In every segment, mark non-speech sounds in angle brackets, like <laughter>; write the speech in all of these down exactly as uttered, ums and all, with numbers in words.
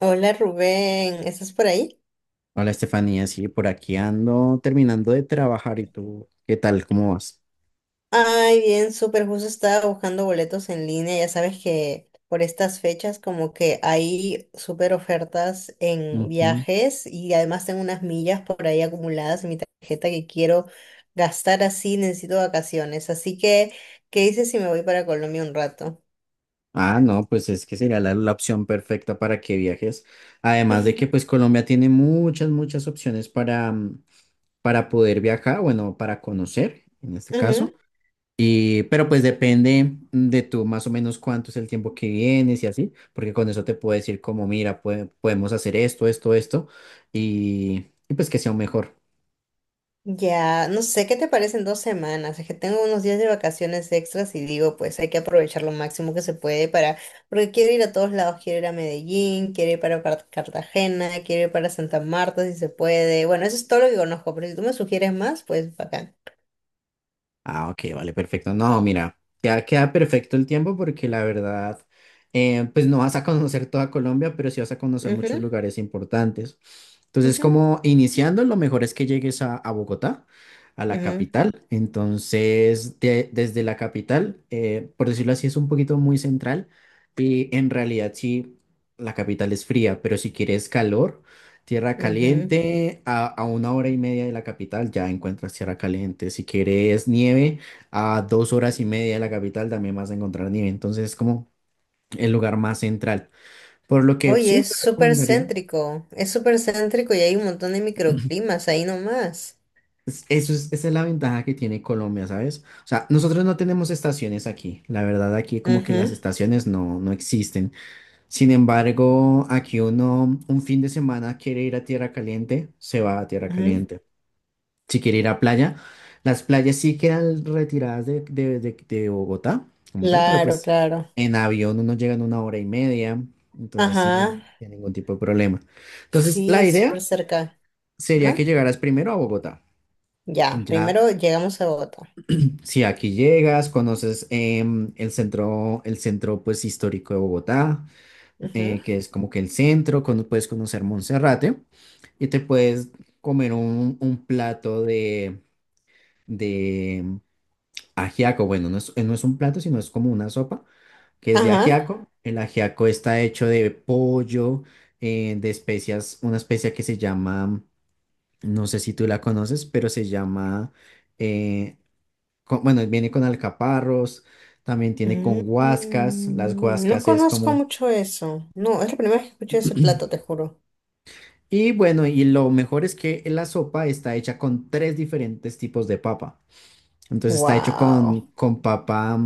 Hola Rubén, ¿estás por ahí? Hola Estefanía, sí, por aquí ando terminando de trabajar y tú, ¿qué tal? ¿Cómo vas? Ay, bien, súper justo estaba buscando boletos en línea. Ya sabes que por estas fechas como que hay súper ofertas en Ujú. viajes y además tengo unas millas por ahí acumuladas en mi tarjeta que quiero gastar, así necesito vacaciones. Así que, ¿qué dices si me voy para Colombia un rato? Ah, no, pues es que sería la, la opción perfecta para que viajes. Además de que pues <laughs> Colombia tiene muchas, muchas opciones para, mm, para poder viajar, bueno, para conocer en este caso. Ujú. Y, pero pues depende de tú más o menos cuánto es el tiempo que vienes y así, porque con eso te puedo decir como, mira, pue- podemos hacer esto, esto, esto, y, y pues que sea un mejor. Ya, no sé, ¿qué te parecen dos semanas? Es que tengo unos días de vacaciones extras y digo, pues hay que aprovechar lo máximo que se puede, para, porque quiero ir a todos lados, quiero ir a Medellín, quiero ir para Car- Cartagena, quiero ir para Santa Marta si se puede. Bueno, eso es todo lo que conozco, pero si tú me sugieres más, pues bacán. Ah, ok, vale, perfecto. No, mira, ya queda perfecto el tiempo porque la verdad, eh, pues no vas a conocer toda Colombia, pero sí vas a conocer muchos Ujú, lugares importantes. Entonces, ujú, como iniciando, lo mejor es que llegues a, a Bogotá, a la ujú, capital. Entonces, de- desde la capital, eh, por decirlo así, es un poquito muy central y en realidad sí, la capital es fría, pero si quieres calor. Tierra ujú. Caliente, a, a una hora y media de la capital ya encuentras Tierra Caliente. Si quieres nieve, a dos horas y media de la capital también vas a encontrar nieve. Entonces es como el lugar más central, por lo que Oye, sí es te súper recomendaría. céntrico, es súper céntrico y hay un montón de microclimas ahí nomás. es- Eso es, esa es la ventaja que tiene Colombia, ¿sabes? O sea, nosotros no tenemos estaciones aquí. La verdad, aquí como que las Ujú, estaciones no, no existen. Sin embargo, aquí uno un fin de semana quiere ir a Tierra Caliente, se va a Tierra ujú. Caliente. Si quiere ir a playa, las playas sí quedan retiradas de, de- de- de Bogotá, como tal, pero Claro, pues claro. en avión uno llega en una hora y media, entonces sí, no Ajá. hay ningún tipo de problema. Entonces, la Sí, súper idea cerca. sería que Ajá. llegaras primero a Bogotá. Ya, Ya, primero llegamos a Bogotá. si aquí llegas, conoces em, el centro, el centro pues histórico de Bogotá, Ajá. eh, que es como que el centro, cuando puedes conocer Monserrate y te puedes comer un, un plato de Ajiaco. Bueno, no es, eh, no es un plato, sino es como una sopa que es de Ajá. ajiaco. El ajiaco está hecho de pollo, eh, de especias, una especia que se llama, no sé si tú la conoces, pero se llama, eh, co- bueno, viene con alcaparros, también tiene con guascas, las Mm, no guascas es conozco como… mucho eso. No, es la primera vez que escuché ese <clears throat> plato, te juro. Y bueno, y lo mejor es que la sopa está hecha con tres diferentes tipos de papa. Entonces está hecho con, Wow. con papa.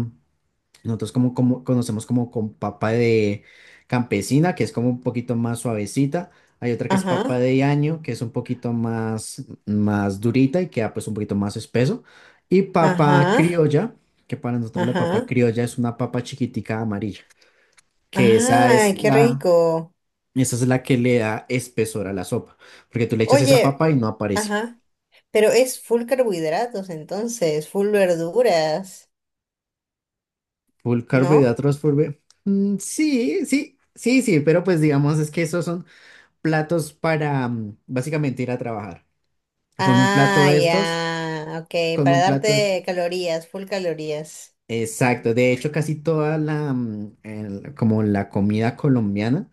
Nosotros como, como conocemos como con papa de campesina, que es como un poquito más suavecita. Hay otra que es papa Ajá. de año, que es un poquito más, más durita y queda pues un poquito más espeso. Y papa Ajá. criolla, que para nosotros la papa Ajá. criolla es una papa chiquitica amarilla, que esa es Ay, qué la, rico. esa es la que le da espesor a la sopa, porque tú le echas esa Oye, papa y no aparece. ajá. Pero es full carbohidratos entonces, full verduras, Full ¿no? carbohidratos, full… ve- Mm, sí, sí, sí, sí, pero pues digamos es que esos son… platos para mm, básicamente ir a trabajar. Con un plato Ah, de estos, ya. Ok, con para un plato es darte calorías, full calorías. exacto. De hecho, casi toda la mm, el- como la comida colombiana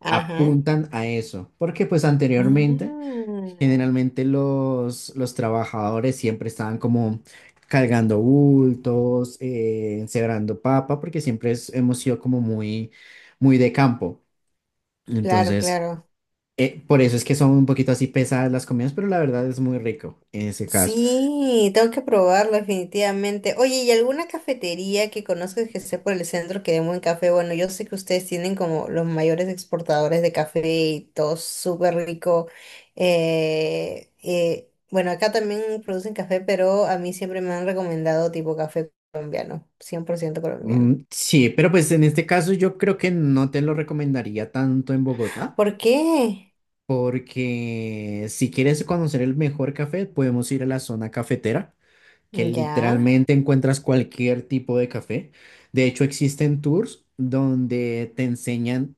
Ajá. apuntan a eso, porque pues anteriormente Ah, generalmente los, los trabajadores siempre estaban como cargando bultos, eh, encebrando papa, porque siempre es- hemos sido como muy, muy de campo. claro, Entonces, claro. Eh, por eso es que son un poquito así pesadas las comidas, pero la verdad es muy rico en ese caso. Sí, tengo que probarlo definitivamente. Oye, ¿y alguna cafetería que conozcas que esté por el centro que dé buen café? Bueno, yo sé que ustedes tienen como los mayores exportadores de café y todo súper rico. Eh, eh, bueno, acá también producen café, pero a mí siempre me han recomendado tipo café colombiano, cien por ciento colombiano. Mm, sí, pero pues en este caso yo creo que no te lo recomendaría tanto en Bogotá, ¿Por qué? porque si quieres conocer el mejor café, podemos ir a la zona cafetera, que Ya. literalmente encuentras cualquier tipo de café. De hecho, existen tours donde te enseñan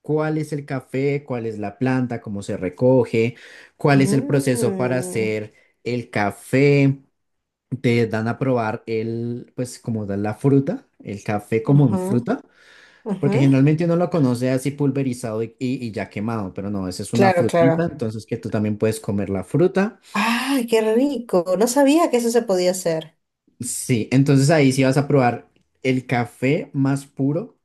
cuál es el café, cuál es la planta, cómo se recoge, cuál es el proceso para Mm. hacer el café. Te dan a probar el, pues como da la fruta, el café como en Ajá, fruta, porque ajá. generalmente uno lo conoce así pulverizado y, y- y ya quemado, pero no, esa es una Claro, frutita, claro. entonces que tú también puedes comer la fruta. ¡Ay, qué rico! No sabía que eso se podía hacer. Sí, entonces ahí sí vas a probar el café más puro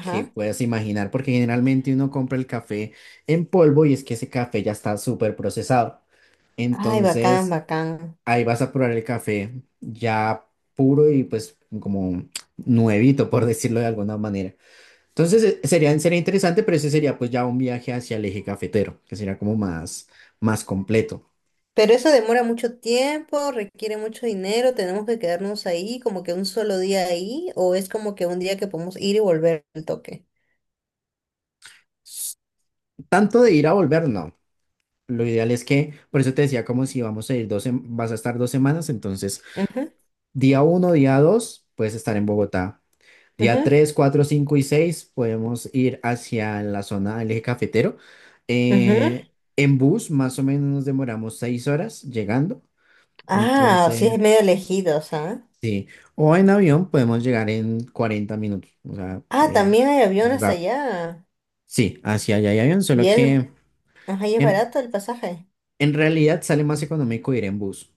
que puedas imaginar, porque generalmente uno compra el café en polvo y es que ese café ya está súper procesado. Ay, bacán, Entonces, bacán. ahí vas a probar el café ya puro y pues como nuevito, por <laughs> decirlo de alguna manera. Entonces eh, sería, sería interesante, pero ese sería pues ya un viaje hacia el eje cafetero, que sería como más, más completo. Pero eso demora mucho tiempo, requiere mucho dinero, tenemos que quedarnos ahí como que un solo día ahí, o es como que un día que podemos ir y volver al toque. S- Tanto de ir a volver, no. Lo ideal es que, por eso te decía, como si vamos a ir dos, sem- vas a estar dos semanas, entonces Ujú, día uno, día dos, puedes estar en Bogotá. Día ujú, tres, cuatro, cinco y seis podemos ir hacia la zona del eje cafetero. ujú. Eh, en bus más o menos nos demoramos seis horas llegando. Ah, sí, Entonces, es medio lejidos, ¿ah? sí. O en avión podemos llegar en cuarenta minutos. O sea, Ah, también es, hay es aviones rápido. allá. Sí, hacia allá hay avión, Y solo es, que ajá, y es en, barato el pasaje. en realidad sale más económico ir en bus.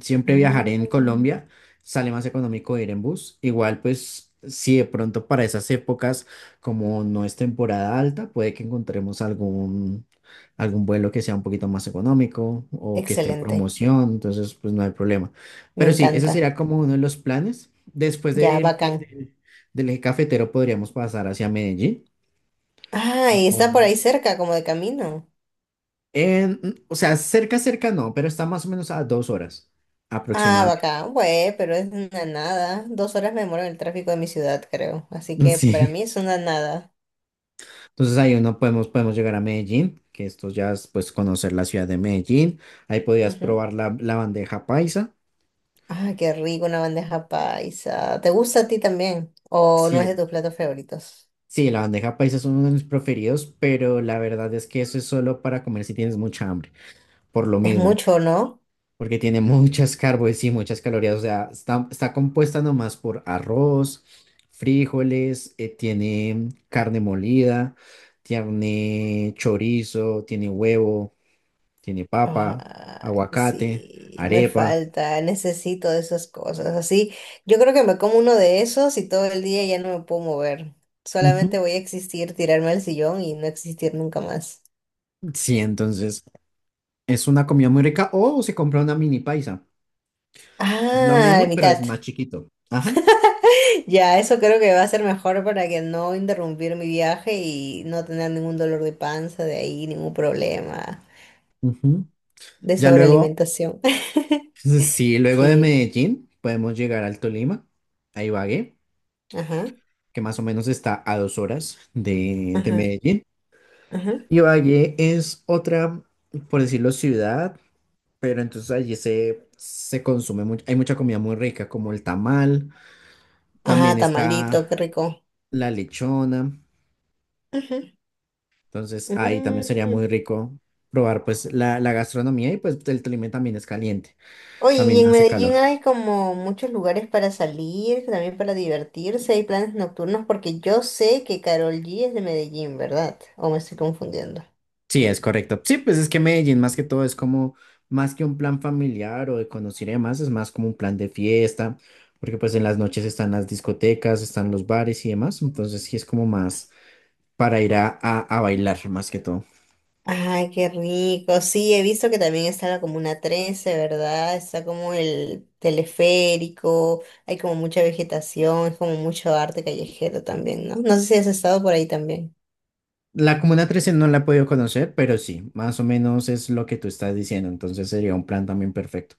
Siempre viajaré en Mm, Colombia, sale más económico ir en bus. Igual, pues, si de pronto para esas épocas, como no es temporada alta, puede que encontremos algún, algún vuelo que sea un poquito más económico o que esté en excelente, promoción, entonces, pues, no hay problema. me Pero sí, ese encanta. sería como uno de los planes. Después de Ya, ir, eh, bacán. del del eje cafetero, podríamos pasar hacia Medellín. Ah, Ah, y ¿cómo está no? por ahí cerca, como de camino. En- o sea, cerca, cerca no, pero está más o menos a dos horas Ah, aproximadamente. bacán, güey, pero es una nada. Dos horas me demoro en el tráfico de mi ciudad, creo. Así <laughs> que para Sí. mí es una nada. Entonces ahí uno podemos, podemos llegar a Medellín, que esto ya es pues conocer la ciudad de Medellín. Ahí podías Ujú. probar la, la bandeja paisa. Ah, qué rico una bandeja paisa. ¿Te gusta a ti también? ¿O no es Sí, de tus platos favoritos? sí, la bandeja paisa es uno de mis preferidos, pero la verdad es que eso es solo para comer si tienes mucha hambre, por lo Es mismo, mucho, ¿no? porque tiene <laughs> muchas carbos y muchas calorías, o sea, está, está compuesta nomás por arroz, frijoles, eh, tiene carne molida, tiene chorizo, tiene huevo, tiene papa, Ay, aguacate, sí, me arepa. falta, necesito de esas cosas. Así, yo creo que me como uno de esos y todo el día ya no me puedo mover. Ujú. Solamente voy a existir, tirarme al sillón y no existir nunca más. Sí, entonces es una comida muy rica o se compra una mini paisa. Es lo Ah, la mismo, pero es mitad. más chiquito. Ajá. <laughs> Ya, eso creo que va a ser mejor para que no interrumpir mi viaje y no tener ningún dolor de panza de ahí, ningún problema Ujú. de Ya luego, sobrealimentación. <laughs> <laughs> sí, luego de Sí, Medellín podemos llegar al Tolima, a Ibagué, ajá, que más o menos está a dos horas de, de ajá, Medellín. ajá. Ibagué es otra, por decirlo, ciudad, pero entonces allí se, se consume mucho, hay mucha comida muy rica, como el tamal, Ah, también tamalito, está qué rico. la lechona. Ujú. Entonces ahí también sería muy Mm. rico probar pues la, la gastronomía y pues el Tolima también es caliente, Oye, y también en hace Medellín calor. hay como muchos lugares para salir, también para divertirse, hay planes nocturnos, porque yo sé que Carol G es de Medellín, ¿verdad? ¿O me estoy confundiendo? Sí, es correcto. Sí, pues es que Medellín más que todo es como más que un plan familiar o de conocer y demás, es más como un plan de fiesta, porque pues en las noches están las discotecas, están los bares y demás, entonces sí es como más para ir a, a, a bailar más que todo. Ay, qué rico. Sí, he visto que también está la Comuna trece, ¿verdad? Está como el teleférico, hay como mucha vegetación, es como mucho arte callejero también, ¿no? No sé si has estado por ahí también. La Comuna trece no la he podido conocer, pero sí, más o menos es lo que tú estás diciendo, entonces sería un plan también perfecto.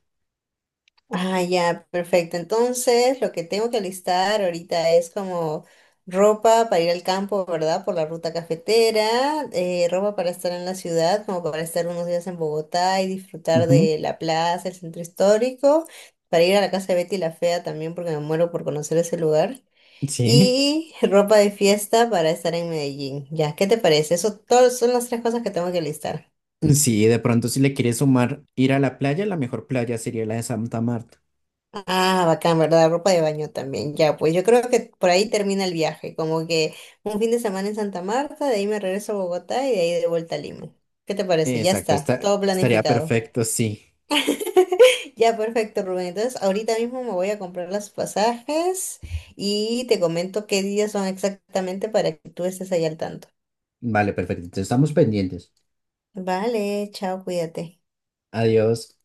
Ah, ya, perfecto. Entonces, lo que tengo que listar ahorita es como ropa para ir al campo, ¿verdad? Por la ruta cafetera, eh, ropa para estar en la ciudad, como para estar unos días en Bogotá y disfrutar Ujú. de la plaza, el centro histórico, para ir a la casa de Betty la Fea también, porque me muero por conocer ese lugar. Sí, Y <laughs> ropa de fiesta para estar en Medellín. Ya, ¿qué te parece? Eso todos son las tres cosas que tengo que listar. sí, de pronto si le quieres sumar ir a la playa, la mejor playa sería la de Santa Marta. Ah, bacán, ¿verdad? Ropa de baño también. Ya, pues yo creo que por ahí termina el viaje, como que un fin de semana en Santa Marta, de ahí me regreso a Bogotá y de ahí de vuelta a Lima. ¿Qué te parece? Ya Exacto, está, está, todo estaría planificado. perfecto, sí. <laughs> Ya, perfecto, Rubén. Entonces, ahorita mismo me voy a comprar los pasajes y te comento qué días son exactamente para que tú estés ahí al tanto. Vale, perfecto. Entonces estamos pendientes. Vale, chao, cuídate. Adiós.